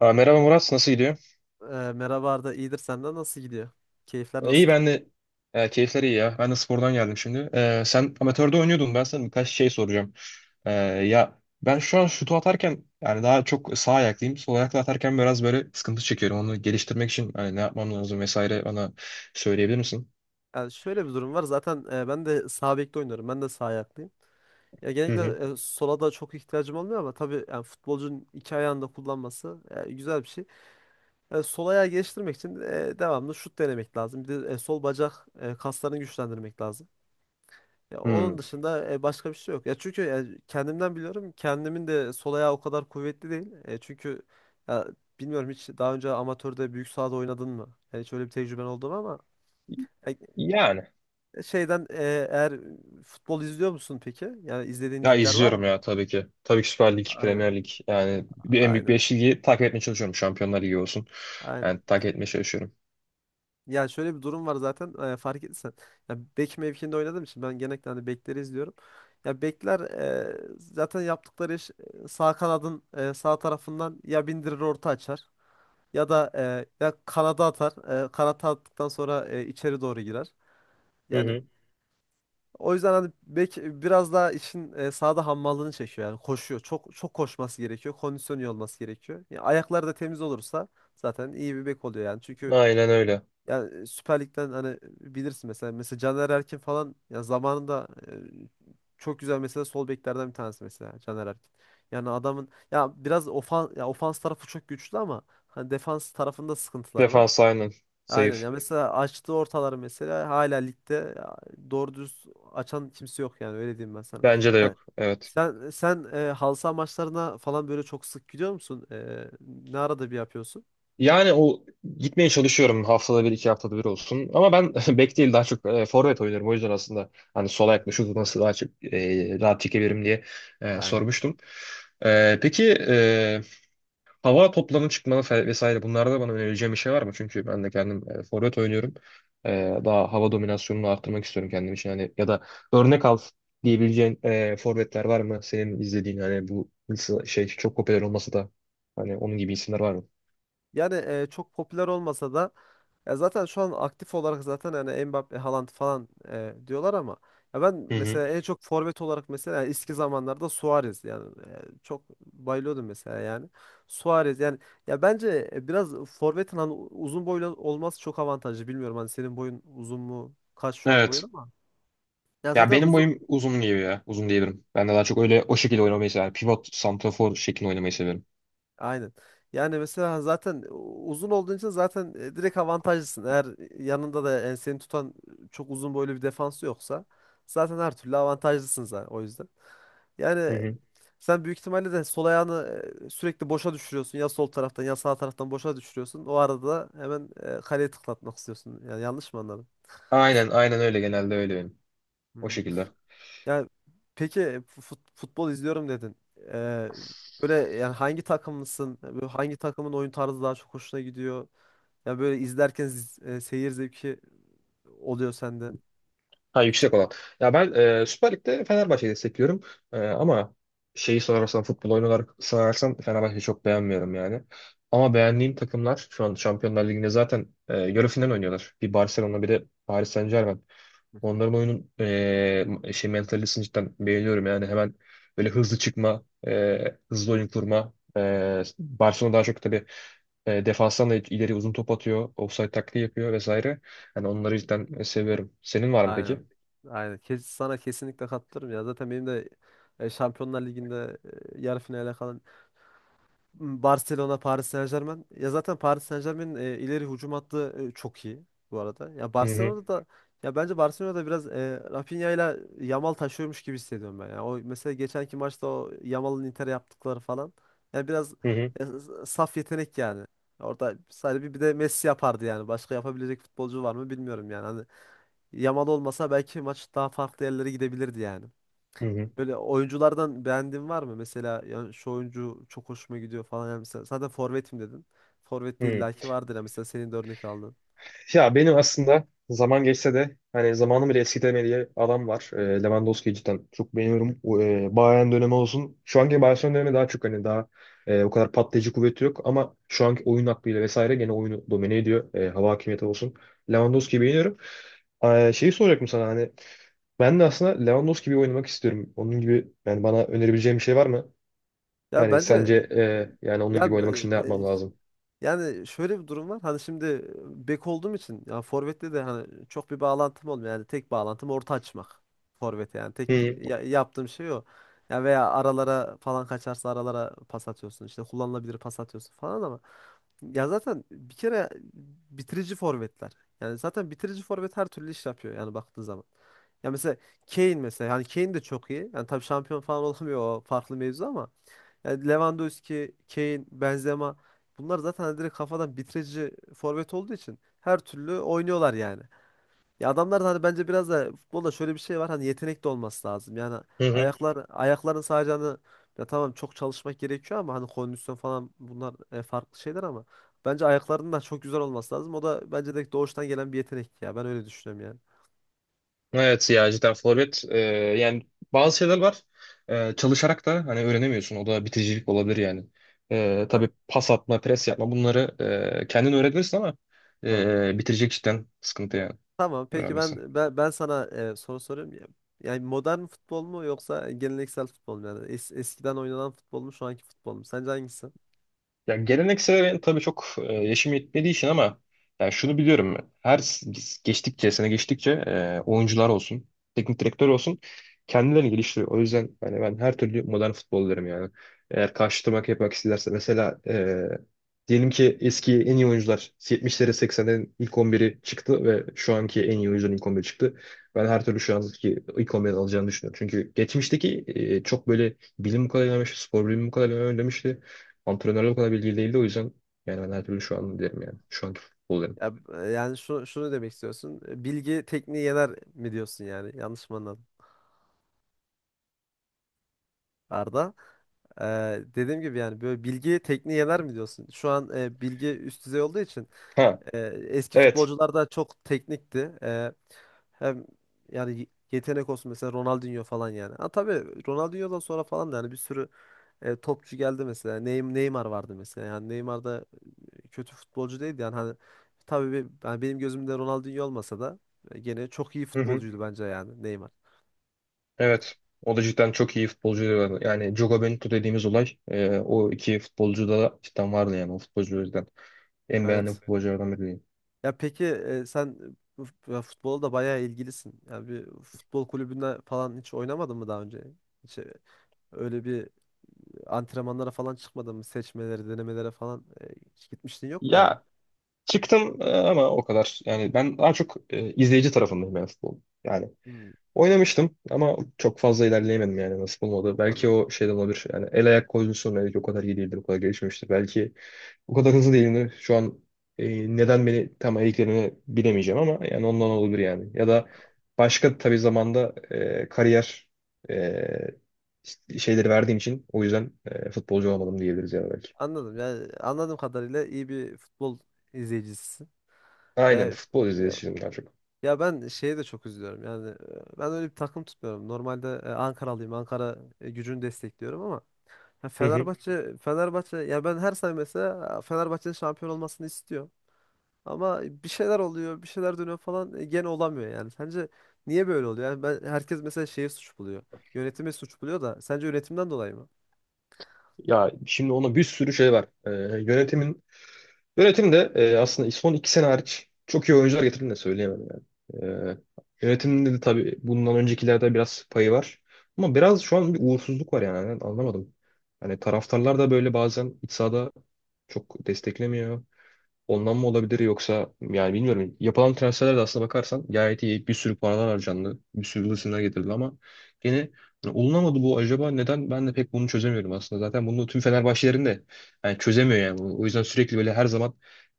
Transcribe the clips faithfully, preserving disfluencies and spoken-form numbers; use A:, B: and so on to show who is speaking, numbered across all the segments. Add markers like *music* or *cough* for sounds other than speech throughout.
A: Aa, merhaba Murat, nasıl gidiyor?
B: Ee, merhaba Arda, iyidir senden nasıl gidiyor? Keyifler
A: E, İyi
B: nasıl?
A: ben de e, keyifler iyi ya. Ben de spordan geldim şimdi. E, sen amatörde oynuyordun. Ben sana birkaç şey soracağım. E, ya ben şu an şutu atarken yani daha çok sağ ayaklıyım. Sol ayakla atarken biraz böyle sıkıntı çekiyorum. Onu geliştirmek için hani ne yapmam lazım vesaire bana söyleyebilir misin?
B: Yani şöyle bir durum var. Zaten e, ben de sağ bekte oynuyorum. Ben de sağ ayaklıyım. Ya
A: Hı hı.
B: genellikle e, sola da çok ihtiyacım olmuyor ama tabii yani futbolcunun iki ayağını da kullanması e, güzel bir şey. E, sol ayağı geliştirmek için e, devamlı şut denemek lazım. Bir de e, sol bacak e, kaslarını güçlendirmek lazım. Ya
A: Hmm.
B: onun dışında e, başka bir şey yok. Ya çünkü ya kendimden biliyorum. Kendimin de sol ayağı o kadar kuvvetli değil. E, çünkü ya Bilmiyorum, hiç daha önce amatörde büyük sahada oynadın mı? Yani şöyle bir tecrüben oldu mu ama e,
A: Yani.
B: şeyden e, eğer futbol izliyor musun peki? Yani izlediğin
A: Ya
B: ligler var
A: izliyorum
B: mı?
A: ya tabii ki. Tabii ki Süper Lig,
B: Aynen.
A: Premier Lig. Yani bir, en büyük
B: Aynen.
A: beş ligi takip etmeye çalışıyorum. Şampiyonlar Ligi olsun.
B: Aynen.
A: Yani takip etmeye çalışıyorum.
B: Ya şöyle bir durum var zaten, e, fark ettiysen. Ya bek mevkiinde oynadığım için ben genellikle hani bekleri izliyorum. Ya bekler e, zaten yaptıkları iş e, sağ kanadın e, sağ tarafından ya bindirir orta açar ya da e, ya kanada atar. E, kanata attıktan sonra e, içeri doğru girer.
A: Hı
B: Yani
A: hı.
B: o yüzden hani bek biraz daha işin e, sahada hammallığını çekiyor yani koşuyor. Çok çok koşması gerekiyor. Kondisyonu iyi olması gerekiyor. Ya ayakları da temiz olursa zaten iyi bir bek oluyor yani. Çünkü
A: Aynen öyle.
B: yani e, Süper Lig'den hani bilirsin, mesela mesela Caner Erkin falan, ya zamanında e, çok güzel mesela, sol beklerden bir tanesi mesela Caner Erkin. Yani adamın ya biraz ofans, ya ofans tarafı çok güçlü ama hani defans tarafında sıkıntılar var.
A: Defans aynen
B: Aynen,
A: zayıf.
B: ya mesela açtığı ortaları mesela hala ligde ya, doğru düz açan kimse yok yani, öyle diyeyim ben sana.
A: Bence de
B: Yani
A: yok. Evet.
B: sen sen e, halı saha maçlarına falan böyle çok sık gidiyor musun? E, ne arada bir yapıyorsun?
A: Yani o gitmeye çalışıyorum haftada bir iki haftada bir olsun. Ama ben *laughs* bek değil daha çok e, forvet oynuyorum. O yüzden aslında hani sola yaklaşıp nasıl daha çok e, rahat çekebilirim diye e,
B: Aynen.
A: sormuştum. E, peki e, Hava toplarının çıkmanı fe- vesaire bunlarda bana önereceğim bir şey var mı? Çünkü ben de kendim e, forvet oynuyorum. E, daha hava dominasyonunu arttırmak istiyorum kendim için. Hani ya da örnek al diyebileceğin e, forvetler var mı? Senin izlediğin hani bu nasıl şey çok popüler olmasa da hani onun gibi isimler var mı?
B: Yani e, çok popüler olmasa da, ya zaten şu an aktif olarak zaten yani Mbappe, Haaland falan e, diyorlar ama ya ben
A: Hı hı.
B: mesela en çok forvet olarak mesela, yani eski zamanlarda Suarez yani, e, çok bayılıyordum mesela yani. Suarez yani, ya bence biraz forvetin hani uzun boylu olması çok avantajlı. Bilmiyorum hani, senin boyun uzun mu? Kaç şu an boyun
A: Evet.
B: ama, ya
A: Ya
B: zaten
A: benim
B: uzun.
A: boyum uzun gibi ya. Uzun diyebilirim. Ben de daha çok öyle o şekilde oynamayı severim. Pivot, santrafor şeklinde oynamayı severim.
B: Aynen. Yani mesela zaten uzun olduğun için zaten e, direkt avantajlısın. Eğer yanında da enseni tutan çok uzun boylu bir defans yoksa zaten her türlü avantajlısın zaten, o yüzden.
A: Hı
B: Yani
A: hı.
B: sen büyük ihtimalle de sol ayağını e, sürekli boşa düşürüyorsun. Ya sol taraftan ya sağ taraftan boşa düşürüyorsun. O arada da hemen e, kaleye tıklatmak istiyorsun. Yani yanlış mı anladım?
A: Aynen, aynen öyle genelde öyle benim. O
B: Hı.
A: şekilde.
B: Yani peki, fut- futbol izliyorum dedin. Ee, Böyle yani, hangi takımlısın? Böyle hangi takımın oyun tarzı daha çok hoşuna gidiyor? Ya böyle izlerken z- e, seyir zevki oluyor sende.
A: Ha yüksek olan. Ya ben e, Süper Lig'de Fenerbahçe'yi destekliyorum. E, ama şeyi sorarsan futbol oyunu olarak sorarsan Fenerbahçe'yi çok beğenmiyorum yani. Ama beğendiğim takımlar şu an Şampiyonlar Ligi'nde zaten e, yarı final oynuyorlar. Bir Barcelona bir de Paris Saint-Germain.
B: Hı hı.
A: Onların oyunun e, şey mentalitesini cidden beğeniyorum yani hemen böyle hızlı çıkma, e, hızlı oyun kurma. E, Barcelona daha çok tabii e, defanstan da ileri uzun top atıyor, offside taktiği yapıyor vesaire. Yani onları cidden seviyorum. Senin var mı
B: Aynen.
A: peki?
B: Aynen. Kes, sana kesinlikle katılırım ya. Zaten benim de e, Şampiyonlar Ligi'nde e, yarı finale kalan Barcelona, Paris Saint-Germain. Ya zaten Paris Saint-Germain'in e, ileri hücum hattı e, çok iyi bu arada. Ya
A: Hı hı,
B: Barcelona'da da, ya bence Barcelona'da biraz e, Rafinha ile Yamal taşıyormuş gibi hissediyorum ben. Yani o mesela geçenki maçta o Yamal'ın Inter'e yaptıkları falan. Yani biraz
A: hı hı,
B: e, saf yetenek yani. Orada sadece bir, bir de Messi yapardı yani. Başka yapabilecek futbolcu var mı, bilmiyorum yani. Hani Yamal olmasa belki maç daha farklı yerlere gidebilirdi yani.
A: hı hı,
B: Böyle oyunculardan beğendiğin var mı? Mesela yani şu oyuncu çok hoşuma gidiyor falan. Yani mesela zaten forvetim dedin. Forvette
A: hı.
B: illaki vardır ya, mesela senin de örnek aldın.
A: Ya benim aslında zaman geçse de hani zamanı bile eskitemediği diye adam var. E, Lewandowski'yi cidden çok beğeniyorum. O, E, Bayern dönemi olsun. Şu anki Barcelona dönemi daha çok hani daha e, o kadar patlayıcı kuvveti yok ama şu anki oyun aklıyla vesaire gene oyunu domine ediyor. E, hava hakimiyeti olsun. Lewandowski'yi beğeniyorum. E, şeyi soracaktım sana hani ben de aslında Lewandowski gibi oynamak istiyorum. Onun gibi yani bana önerebileceğin bir şey var mı?
B: Ya
A: Hani sence
B: bence
A: e, yani onun
B: ya,
A: gibi oynamak için ne
B: e, e,
A: yapmam lazım?
B: yani şöyle bir durum var. Hani şimdi e, bek olduğum için, ya forvette de hani çok bir bağlantım olmuyor. Yani tek bağlantım orta açmak. Forvete yani tek
A: Hı hı,
B: ya- yaptığım şey o. Ya veya aralara falan kaçarsa aralara pas atıyorsun. İşte kullanılabilir pas atıyorsun falan ama, ya zaten bir kere bitirici forvetler. Yani zaten bitirici forvet her türlü iş yapıyor yani, baktığın zaman. Ya mesela Kane mesela, yani Kane de çok iyi. Yani tabii şampiyon falan *laughs* olamıyor, o farklı mevzu ama yani Lewandowski, Kane, Benzema, bunlar zaten hani direkt kafadan bitirici forvet olduğu için her türlü oynuyorlar yani. Ya adamlar da hani, bence biraz da futbolda şöyle bir şey var, hani yetenek de olması lazım. Yani
A: hı hı.
B: ayaklar ayakların sadece hani, ya tamam çok çalışmak gerekiyor ama hani kondisyon falan bunlar e, farklı şeyler ama bence ayaklarının da çok güzel olması lazım. O da bence de doğuştan gelen bir yetenek ya. Ben öyle düşünüyorum yani.
A: Evet ya cidden forvet e, yani bazı şeyler var. E, çalışarak da hani öğrenemiyorsun o da biticilik olabilir yani e,
B: Ha,
A: tabii pas atma pres yapma bunları e, kendin öğrenirsin ama
B: tabii.
A: e, bitirecek cidden sıkıntı yani
B: Tamam peki,
A: öğrenmesi.
B: ben ben, ben sana e, soru soruyorum. Ya- Yani modern futbol mu yoksa geleneksel futbol mu, yani Es- eskiden oynanan futbol mu, şu anki futbol mu? Sence hangisi?
A: Ya geleneksel ben tabii çok e, yaşım yetmediği için ama yani şunu biliyorum ben. Her s- geçtikçe, sene geçtikçe e, oyuncular olsun, teknik direktör olsun kendilerini geliştiriyor. O yüzden yani ben her türlü modern futbol derim yani. Eğer karşılamak yapmak isterse mesela e, diyelim ki eski en iyi oyuncular yetmişlere seksenlerin ilk on biri çıktı ve şu anki en iyi oyuncuların ilk on biri çıktı. Ben her türlü şu anki ilk on biri alacağını düşünüyorum. Çünkü geçmişteki e, çok böyle bilim bu kadar ilerlemiş, spor bilimi bu kadar ilerlemişti. Antrenörler o kadar bilgili değildi o yüzden yani ben her türlü şu an derim yani. Şu anki futbol derim.
B: Ya, e, yani şunu, şunu demek istiyorsun. E, bilgi tekniği yener mi diyorsun yani? Yanlış mı anladım Arda? Ee, Dediğim gibi yani, böyle bilgi tekniği yener mi diyorsun? Şu an e, bilgi üst düzey olduğu için
A: Ha
B: e, eski
A: evet.
B: futbolcular da çok teknikti. E, hem yani yetenek olsun, mesela Ronaldinho falan yani. Ha tabii, Ronaldinho'dan sonra falan da yani bir sürü e, topçu geldi mesela. Ney- Neymar vardı mesela. Yani Neymar da e, kötü futbolcu değildi yani hani, tabii be- yani benim gözümde Ronaldinho olmasa da e, gene çok iyi
A: Hı hı.
B: futbolcuydu bence yani, Neymar.
A: Evet. O da cidden çok iyi futbolcuydu. Yani Yani Jogo Bonito dediğimiz olay e, o iki futbolcuda da cidden vardı yani o futbolcu en beğendiğim
B: Evet.
A: futbolculardan biri diyeyim.
B: Ya peki e, sen bu f- ya futbola da bayağı ilgilisin. Yani bir futbol kulübünde falan hiç oynamadın mı daha önce? Hiç e, öyle bir antrenmanlara falan çıkmadın mı? Seçmelere, denemelere falan e, hiç gitmiştin, yok mu yani?
A: Ya çıktım e, ama o kadar. Yani ben daha çok e, izleyici tarafındayım yani futbol. Yani
B: Hmm,
A: oynamıştım ama çok fazla ilerleyemedim yani nasıl olmadı. Belki
B: anladım.
A: o şeyden olabilir. Yani el ayak koordinasyonu belki o kadar iyi değildir, o kadar gelişmemiştir. Belki o kadar hızlı değilim. Şu an e, neden beni tam eliklerini bilemeyeceğim ama yani ondan olabilir yani. Ya da başka tabii zamanda e, kariyer e, işte şeyleri verdiğim için o yüzden e, futbolcu olamadım diyebiliriz ya da belki.
B: Anladım. Yani anladığım kadarıyla iyi bir futbol izleyicisisin.
A: Aynen
B: E,
A: futbol izleyicisiyim daha çok.
B: ya ben şeye de çok üzülüyorum. Yani e, ben öyle bir takım tutmuyorum. Normalde e, Ankaralıyım. Ankara e, gücünü destekliyorum ama ya
A: Hı hı.
B: Fenerbahçe Fenerbahçe ya, ben her sene mesela e, Fenerbahçe'nin şampiyon olmasını istiyorum. Ama bir şeyler oluyor, bir şeyler dönüyor falan, e, gene olamıyor yani. Sence niye böyle oluyor? Yani ben, herkes mesela şeye suç buluyor. Yönetimi suç buluyor, da sence yönetimden dolayı mı?
A: Ya şimdi ona bir sürü şey var. E, yönetimin Yönetimde e, aslında son iki sene hariç çok iyi oyuncular getirdiğini de söyleyemem yani. E, yönetimde de tabii bundan öncekilerde biraz payı var. Ama biraz şu an bir uğursuzluk var yani. Ben anlamadım. Hani taraftarlar da böyle bazen iç sahada çok desteklemiyor. Ondan mı olabilir yoksa yani bilmiyorum. Yapılan transferler de aslına bakarsan gayet iyi. Bir sürü paralar harcandı. Bir sürü yıldız isimler getirildi ama yine hani olunamadı bu acaba neden ben de pek bunu çözemiyorum aslında. Zaten bunu tüm Fenerbahçelerin de yani çözemiyor yani bunu. O yüzden sürekli böyle her zaman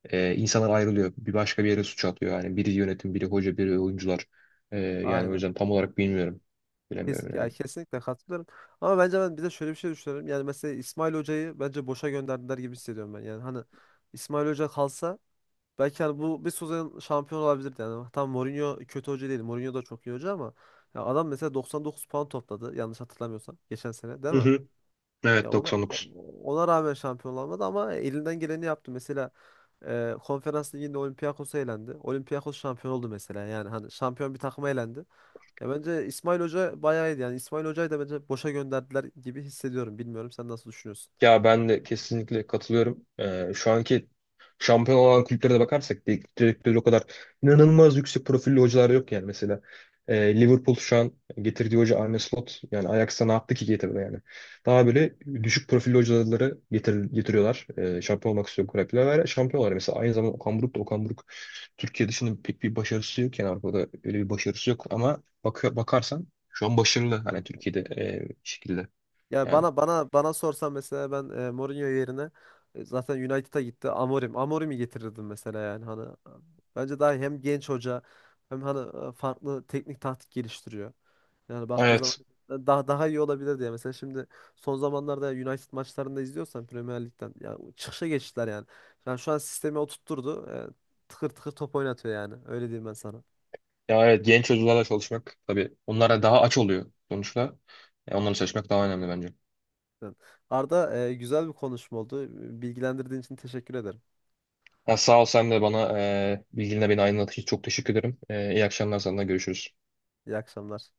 A: e, insanlar ayrılıyor. Bir başka bir yere suç atıyor. Yani biri yönetim, biri hoca, biri oyuncular. E, yani o
B: Aynen.
A: yüzden tam olarak bilmiyorum.
B: Kes,
A: Bilemiyorum
B: ya
A: yani.
B: kesinlikle katılıyorum. Ama bence ben bir de şöyle bir şey düşünüyorum. Yani mesela İsmail Hoca'yı bence boşa gönderdiler gibi hissediyorum ben. Yani hani İsmail Hoca kalsa belki hani bu, bir sezon şampiyon olabilirdi. Yani tam Mourinho kötü hoca değil. Mourinho da çok iyi hoca ama ya adam mesela doksan dokuz puan topladı, yanlış hatırlamıyorsam geçen sene değil
A: Hı
B: mi?
A: hı.
B: Ya
A: Evet
B: ona, o-
A: doksan dokuz.
B: ona rağmen şampiyon olamadı ama elinden geleni yaptı. Mesela e, Konferans Ligi'nde Olympiakos elendi. Olympiakos şampiyon oldu mesela. Yani hani şampiyon bir takıma elendi. Ya bence İsmail Hoca bayağı iyiydi. Yani İsmail Hoca'yı da bence boşa gönderdiler gibi hissediyorum. Bilmiyorum sen nasıl düşünüyorsun?
A: Ya ben de kesinlikle katılıyorum. Ee, şu anki şampiyon olan kulüplere de bakarsak teknik direktörü o kadar inanılmaz yüksek profilli hocalar yok yani mesela. Ee, Liverpool şu an getirdiği hoca Arne Slot yani Ajax'a ne yaptı ki getirdi yani. Daha böyle düşük profilli hocaları getir, getiriyorlar. Ee, şampiyon olmak istiyor kulüpler ve şampiyonlar. Mesela aynı zamanda Okan Buruk da Okan Buruk Türkiye dışında pek bir başarısı yok yani Avrupa'da öyle bir başarısı yok ama bakıyor, bakarsan şu an başarılı hani Türkiye'de e, bir şekilde
B: Yani
A: yani.
B: bana bana bana sorsan mesela, ben e, Mourinho yerine e, zaten United'a gitti, Amorim. Amorim'i getirirdim mesela, yani hani e, bence daha iyi. Hem genç hoca hem hani e, farklı teknik taktik geliştiriyor. Yani baktığı zaman
A: Evet.
B: e, daha daha iyi olabilir diye. Mesela şimdi son zamanlarda United maçlarında izliyorsan, Premier Lig'den ya çıkışa geçtiler yani. Yani şu an sistemi oturtturdu. E, tıkır tıkır top oynatıyor yani. Öyle diyeyim ben sana.
A: Ya evet genç çocuklarla çalışmak tabii onlara daha aç oluyor sonuçta. E, onlarla çalışmak daha önemli bence.
B: Yani Arda, e, güzel bir konuşma oldu. Bilgilendirdiğin için teşekkür ederim.
A: Ha, sağ ol sen de bana e, bilginle beni aydınlattığın için çok teşekkür ederim. E, iyi akşamlar sana görüşürüz.
B: İyi akşamlar.